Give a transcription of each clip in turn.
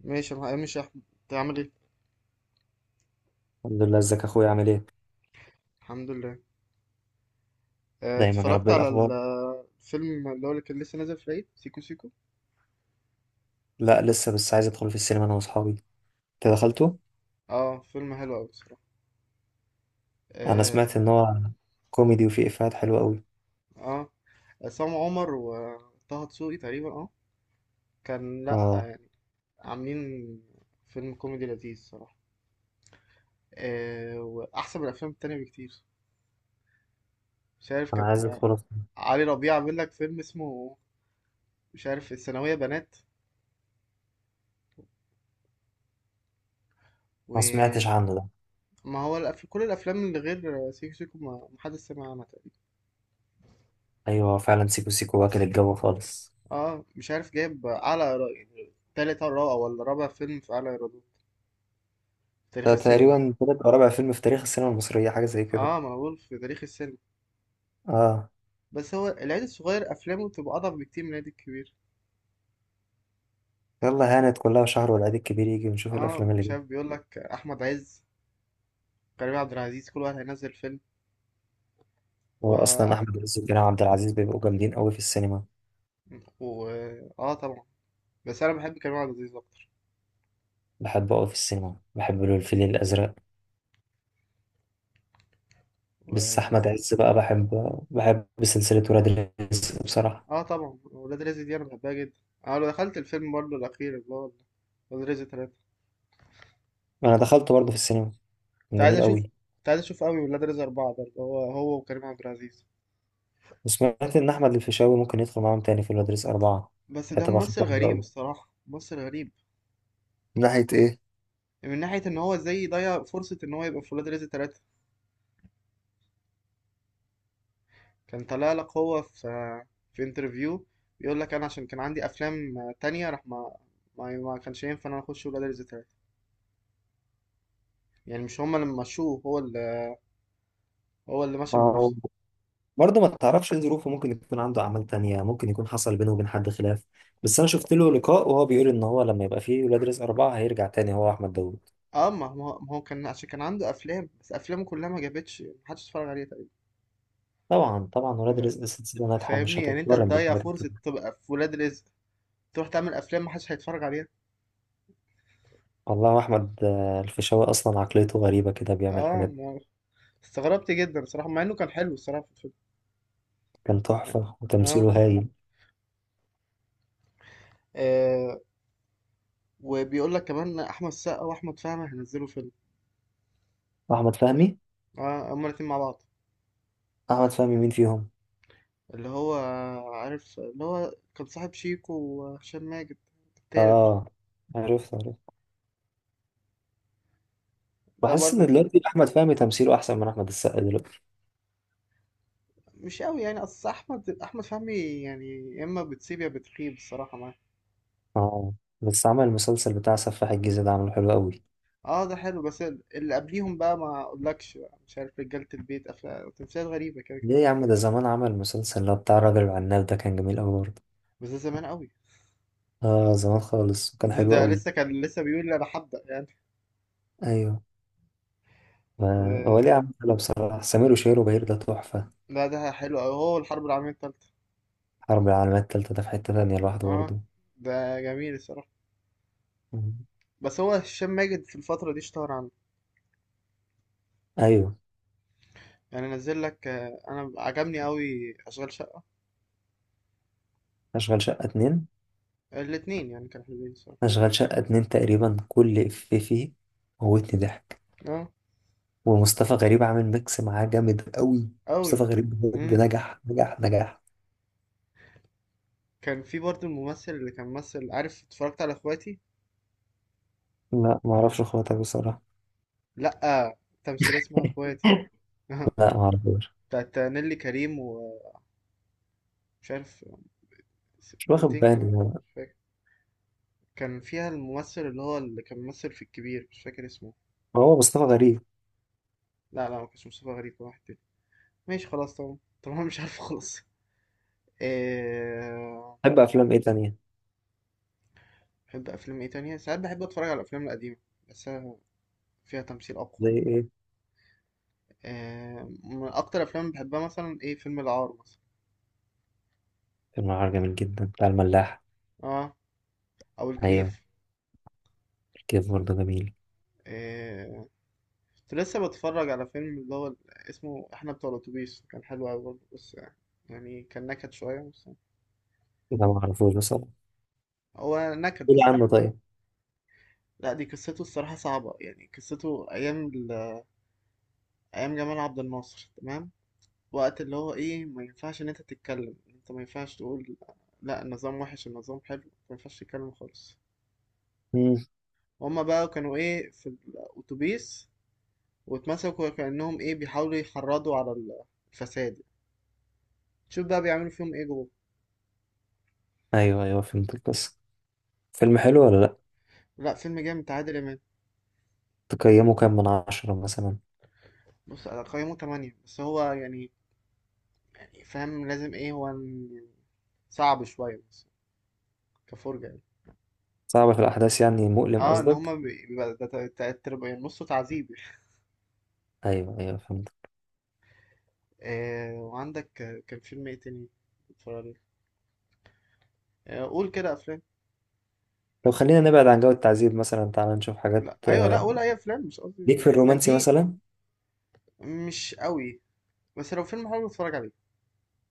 ماشي، انا مش احمد. تعمل ايه؟ الحمد لله، ازيك يا اخويا؟ عامل ايه؟ الحمد لله. دايما يا رب. اتفرجت إيه على الاخبار؟ الفيلم اللي كان لسه نازل في العيد، سيكو سيكو. لا لسه، بس عايز ادخل في السينما انا واصحابي. انت دخلته؟ اه، فيلم حلو قوي بصراحه. انا سمعت اه. ان هو كوميدي وفيه افيهات حلوه قوي. اه، عصام عمر وطه دسوقي تقريبا. اه، كان لا اه، آه، عاملين فيلم كوميدي لذيذ صراحه. واحسن من الافلام التانية بكتير. مش عارف، انا عايز كان ادخله. علي ربيع عامل لك فيلم اسمه، مش عارف، الثانويه بنات. ما سمعتش وما عنه ده. هو كل الافلام اللي غير سيكو سيكو ما حدش سمع عنها تقريبا. ايوه فعلا، سيكو سيكو واكل الجو خالص. اه، مش عارف، جايب اعلى يعني تالت او رابع، ولا رابع فيلم في اعلى ايرادات في تاريخ ده السينما. تقريبا تالت او رابع فيلم في تاريخ السينما المصريه، حاجه زي كده. اه، ما أنا بقول في تاريخ السينما. اه، بس هو العيد الصغير افلامه بتبقى اضعف بكتير من العيد الكبير. يلا هانت كلها شهر والعيد الكبير يجي ونشوف اه، الافلام اللي مش عارف، جايه. بيقول لك احمد عز، كريم عبد العزيز، كل واحد هينزل فيلم هو و... اصلا احمد عز وكريم عبد العزيز بيبقوا جامدين قوي في السينما. و... اه، طبعا. بس انا بحب كريم عبد العزيز اكتر. بحب قوي في السينما، بحب له الفيل الازرق. و... بس احمد عز بقى بحب سلسله ولاد الرزق بصراحه. اه، طبعا، ولاد رزق دي انا بحبها جدا. اه، لو دخلت الفيلم برضه الاخير، اللي هو ولاد رزق تلاتة. انا دخلت برضه في السينما، كان كنت عايز جميل اشوف قوي. كنت عايز اشوف قوي ولاد رزق اربعة، ده اللي هو هو وكريم عبد العزيز. وسمعت ان احمد الفيشاوي ممكن يدخل معاهم تاني في ولاد الرزق اربعه. بس ده ده تبقى ممثل خطوه حلوه غريب قوي. الصراحة، ممثل غريب. من ناحية إيه؟ من ناحية ان هو ازاي ضيع فرصة ان هو يبقى في ولاد رزق تلاتة. كان طلع لك هو في في انترفيو بيقول لك، انا عشان كان عندي افلام تانية، راح ما كانش ينفع ان انا اخش ولاد رزق تلاتة. يعني مش هما اللي مشوه، هو اللي مشى ما من هو نفسه. برضه ما تعرفش ايه ظروفه، ممكن يكون عنده اعمال تانية، ممكن يكون حصل بينه وبين حد خلاف. بس انا شفت له لقاء وهو بيقول ان هو لما يبقى فيه ولاد رزق اربعة هيرجع تاني، هو احمد داوود. اه، ما هو كان عشان كان عنده افلام، بس افلامه كلها ما جابتش محدش اتفرج عليها تقريبا. طبعا طبعا، ولاد ف- رزق سلسلة ناجحة مش فاهمني، يعني انت هتتقارن تضيع بالحاجات دي. فرصة تبقى في ولاد رزق تروح تعمل افلام محدش هيتفرج عليها. والله احمد الفيشاوي اصلا عقليته غريبة كده، بيعمل اه، حاجات. استغربت جدا صراحة مع انه كان حلو الصراحة في الفيلم كان يعني. تحفة اه, وتمثيله هايل. آه. وبيقول لك كمان احمد السقا واحمد فهمي هينزلوا فيلم. أحمد فهمي. اه، هما الاتنين مع بعض، أحمد فهمي مين فيهم؟ اللي هو عارف اللي هو كان صاحب شيكو وهشام ماجد، التالت ده. آه، عرفت عرفت. ده بحس إن برضه دلوقتي أحمد فهمي تمثيله أحسن من أحمد السقا دلوقتي. مش قوي، يعني اصل احمد فهمي، يعني يا اما بتسيب يا بتخيب الصراحة معاه. آه، بس عمل المسلسل بتاع سفاح الجيزة ده عامله حلو قوي. اه، ده حلو، بس اللي قبليهم بقى ما اقولكش بقى. مش عارف، رجالة البيت، افلام تمثيلات غريبة كده كان ليه يا عامل. عم؟ ده زمان عمل المسلسل اللي هو بتاع الراجل العناب ده، كان جميل قوي برضه. بس ده زمان قوي. آه زمان خالص وكان ده, حلو ده قوي. لسه، كان لسه بيقول انا هبدأ يعني. أيوه. هو و... ليه يا عم، حلو بصراحة سمير وشهير وبهير ده تحفة. لا ده حلو أوي، هو الحرب العالمية التالتة. حرب العالمية التالتة ده في حتة تانية لوحده اه، برضه. ده جميل الصراحة. مم. بس هو هشام ماجد في الفترة دي اشتهر عنه، أيوه. يعني نزل لك، أنا عجبني أوي أشغال شقة. أشغال شقة اتنين. الاتنين يعني كانوا حلوين الصراحة. أشغال شقة اتنين تقريبا كل إفيه فيه موتني ضحك. اه. ومصطفى غريب عامل ميكس معاه جامد قوي. أوي. مصطفى غريب بجد مم. نجح نجح نجح. كان في برضه الممثل اللي كان ممثل، عارف، اتفرجت على اخواتي؟ لا ما اعرفش خاطر بصراحة. لأ، تمثيلية اسمها اخواتي. لا ما اعرفوش. بتاعت نيلي كريم ومش عارف، مش واخد بنتين كمان، بالي. هو مش فاكر. كان فيها الممثل اللي هو اللي كان ممثل في الكبير، مش فاكر اسمه. هو مصطفى غريب؟ لا لا، ما كانش مصطفى غريب، واحد تاني. ماشي خلاص. طبعا طبعا، مش عارف خالص. آه، بحب افلام ايه تانية؟ بحب افلام ايه تانية؟ ساعات بحب اتفرج على الافلام القديمة، بس فيها تمثيل اقوى زي يعني. ايه؟ من اكتر افلام بحبها مثلا، ايه، فيلم العار مثلا. فيلم العار جميل جدا، بتاع الملاح. اه، او ايوه. الكيف. الكيف برضه جميل. آه، كنت لسه بتفرج على فيلم اللي هو اسمه احنا بتوع الاتوبيس، كان حلو قوي برضه، بس يعني كان نكد شوية بس. لا ما اعرفوش بصراحة. هو نكد قول بس حلو. عنه طيب. لا، دي قصته الصراحة صعبة، يعني قصته أيام أيام جمال عبد الناصر، تمام، وقت اللي هو ايه ما ينفعش ان انت تتكلم، انت ما ينفعش تقول لا النظام وحش، النظام حلو، ما ينفعش تتكلم خالص. مم. هما بقى كانوا ايه في الاتوبيس، واتمسكوا كأنهم ايه بيحاولوا يحرضوا على الفساد. شوف بقى بيعملوا فيهم ايه جوه. ايوه ايوه فهمت القصة. فيلم حلو ولا لا؟ لا، فيلم جامد بتاع عادل امام. تقيمه كام من عشرة مثلا؟ بص، انا قيمه 8، بس هو يعني، يعني فاهم لازم ايه هو صعب شويه، بس كفرجه يعني. صعب في الاحداث يعني، مؤلم اه، ان قصدك؟ هما بيبقى ده يعني نصه تعذيب. ايوه ايوه فهمت. آه وعندك، كان فيلم ايه تاني اتفرج عليه. قول كده افلام. لو خلينا نبعد عن جو التعذيب مثلا، تعالى نشوف حاجات لا ايوه، لا آه، قول اي افلام مش قصدي. ليك في كان الرومانسي في، مثلا؟ مش قوي، بس لو فيلم حلو اتفرج عليه.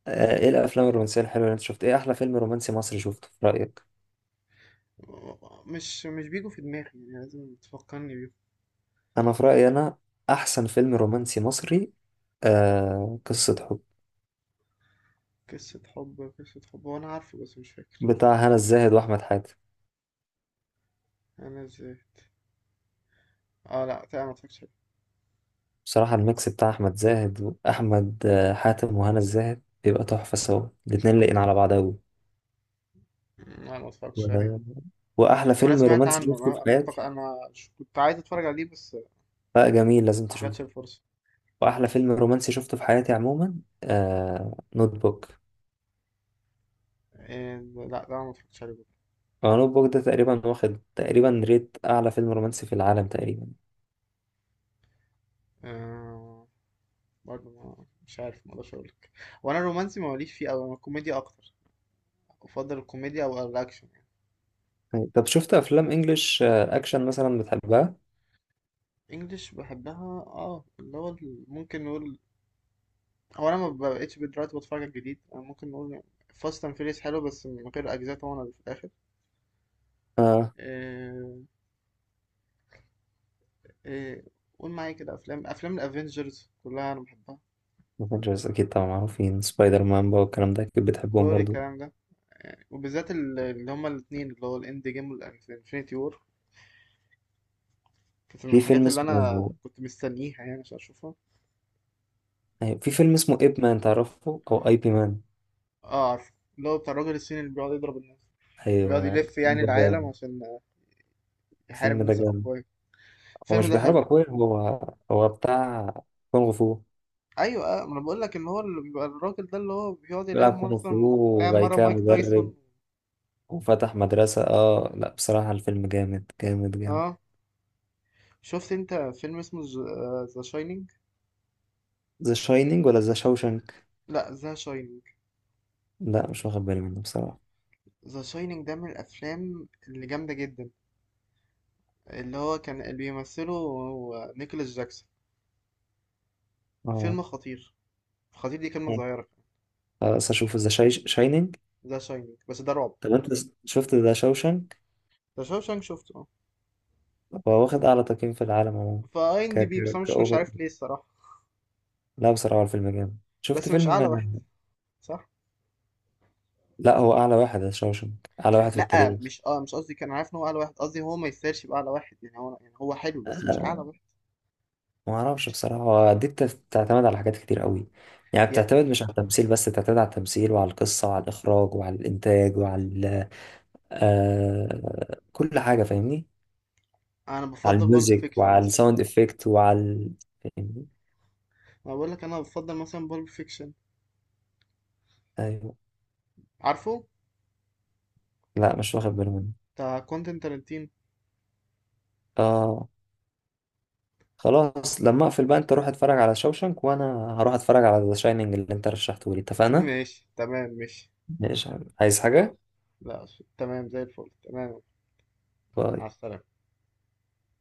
ايه الافلام الرومانسيه الحلوه اللي انت شفت؟ ايه احلى فيلم رومانسي مصري شفته في رايك؟ مش بيجوا في دماغي، يعني لازم تفكرني بيه. انا في رايي، انا احسن فيلم رومانسي مصري قصه حب، قصة حب، قصة حب وانا عارفه بس مش فاكر بتاع هنا الزاهد واحمد حاتم. انا ازاي. اه، لا تمام، ما اتفرجتش عليه. بصراحه الميكس بتاع احمد زاهد واحمد حاتم وهنا الزاهد بيبقى تحفه، سوا الاتنين لاقين على بعض قوي. لا، ما اتفرجتش عليه. واحلى وانا فيلم سمعت رومانسي عنه، شفته في انا حياتي. افتكر انا كنت عايز اتفرج عليه بس ما لا جميل، لازم جاتش تشوفه. الفرصة. واحلى فيلم رومانسي شفته في حياتي عموما، نوت بوك. إيه، لا لا، ما اتفرجتش عليه برضه. نوت بوك ده تقريبا واخد تقريبا ريت اعلى فيلم رومانسي في العالم تقريبا. آه برضه مش عارف، ما اقدرش اقول لك. وانا الرومانسي ماليش فيه قوي، انا الكوميديا اكتر. أفضل الكوميديا أو الأكشن يعني. أي. طب شفت افلام انجلش اكشن مثلا بتحبها؟ إنجلش بحبها. اه، اللي هو ممكن نقول، هو أنا ما بقتش دلوقتي بتفرج على الجديد، أنا ممكن نقول فاست أند فيريس حلو، بس من غير أجزاء طبعا اللي في الآخر. اه. آه، آه، قول معايا كده، أفلام، أفلام الأفينجرز كلها أنا بحبها. افنجرز اكيد طبعا معروفين، سبايدر مان بقى والكلام ده اكيد كل بتحبهم برضو. الكلام ده، وبالذات اللي هما الاتنين، اللي هو الإند جيم والإنفينيتي وور. كانت من في فيلم الحاجات اللي أنا اسمه، كنت مستنيها يعني عشان أشوفها. أيوة، في فيلم اسمه ايب مان تعرفه او اي بي مان؟ اه، عارف، اللي هو بتاع الراجل الصيني اللي بيقعد يضرب الناس، بيقعد ايوه. يلف يعني الفيلم ده العالم جامد. عشان يحارب الفيل ده الناس جامد. الأقوياء. هو الفيلم مش ده بيحارب حلو. اخويا؟ هو هو بتاع كونغ فو. ايوه، ما انا بقول لك ان هو اللي بيبقى الراجل ده اللي هو بيقعد يلعب، بيلعب كونغ فو مثلا لعب وبعد مره كده مايك تايسون. مدرب وفتح مدرسة. اه لا، بصراحة الفيلم جامد جامد جامد. اه، شفت انت فيلم اسمه ذا شاينينج؟ ذا شاينينج ولا ذا شاوشنك؟ لا، ذا شاينينج. لا مش واخد بالي منه بصراحة. ذا شاينينج ده من الافلام اللي جامده جدا، اللي هو كان اللي بيمثله هو نيكولاس جاكسون. اه. فيلم خطير. خطير دي كلمه مم. صغيره. خلاص اشوف ذا شاينينج. ذا شاينينج، بس ده رعب. طب انت شفت ذا شاوشنك؟ ذا شاينينج شفته، اه. هو واخد اعلى تقييم في العالم عموما. فاي ام ك دي بي، بس ك انا مش كأوفر عارف ليه الصراحه. لا بصراحة هو الفيلم جامد. شفت بس مش فيلم؟ اعلى واحد، صح. لا هو اعلى واحد، ذا شاوشنك اعلى واحد في لا، التاريخ. مش قصدي، كان عارف ان هو اعلى واحد، قصدي هو ما يسيرش باعلى واحد، يعني هو يعني هو حلو بس مش اعلى آه، واحد. ما اعرفش مش بصراحة، هو دي بتعتمد على حاجات كتير قوي. يعني يعني، بتعتمد مش على التمثيل بس، بتعتمد على التمثيل وعلى القصة وعلى الإخراج وعلى الإنتاج وعلى آه كل حاجة، فاهمني؟ انا على بفضل بالب الميوزك فيكشن وعلى مثلا. الساوند افكت وعلى يعني. انا بقول لك، انا بفضل مثلا بالب فيكشن، ايوه. عارفه، لا مش واخد بالي منه. بتاع كوينتين تارانتينو. اه. خلاص لما اقفل بقى، انت روح اتفرج على شوشنك وانا هروح اتفرج على ذا شاينينج اللي انت رشحته لي، اتفقنا؟ ماشي تمام ماشي. ماشي. عايز خلاص. حاجة؟ لا. تمام زي الفل، تمام. مع باي. السلامة.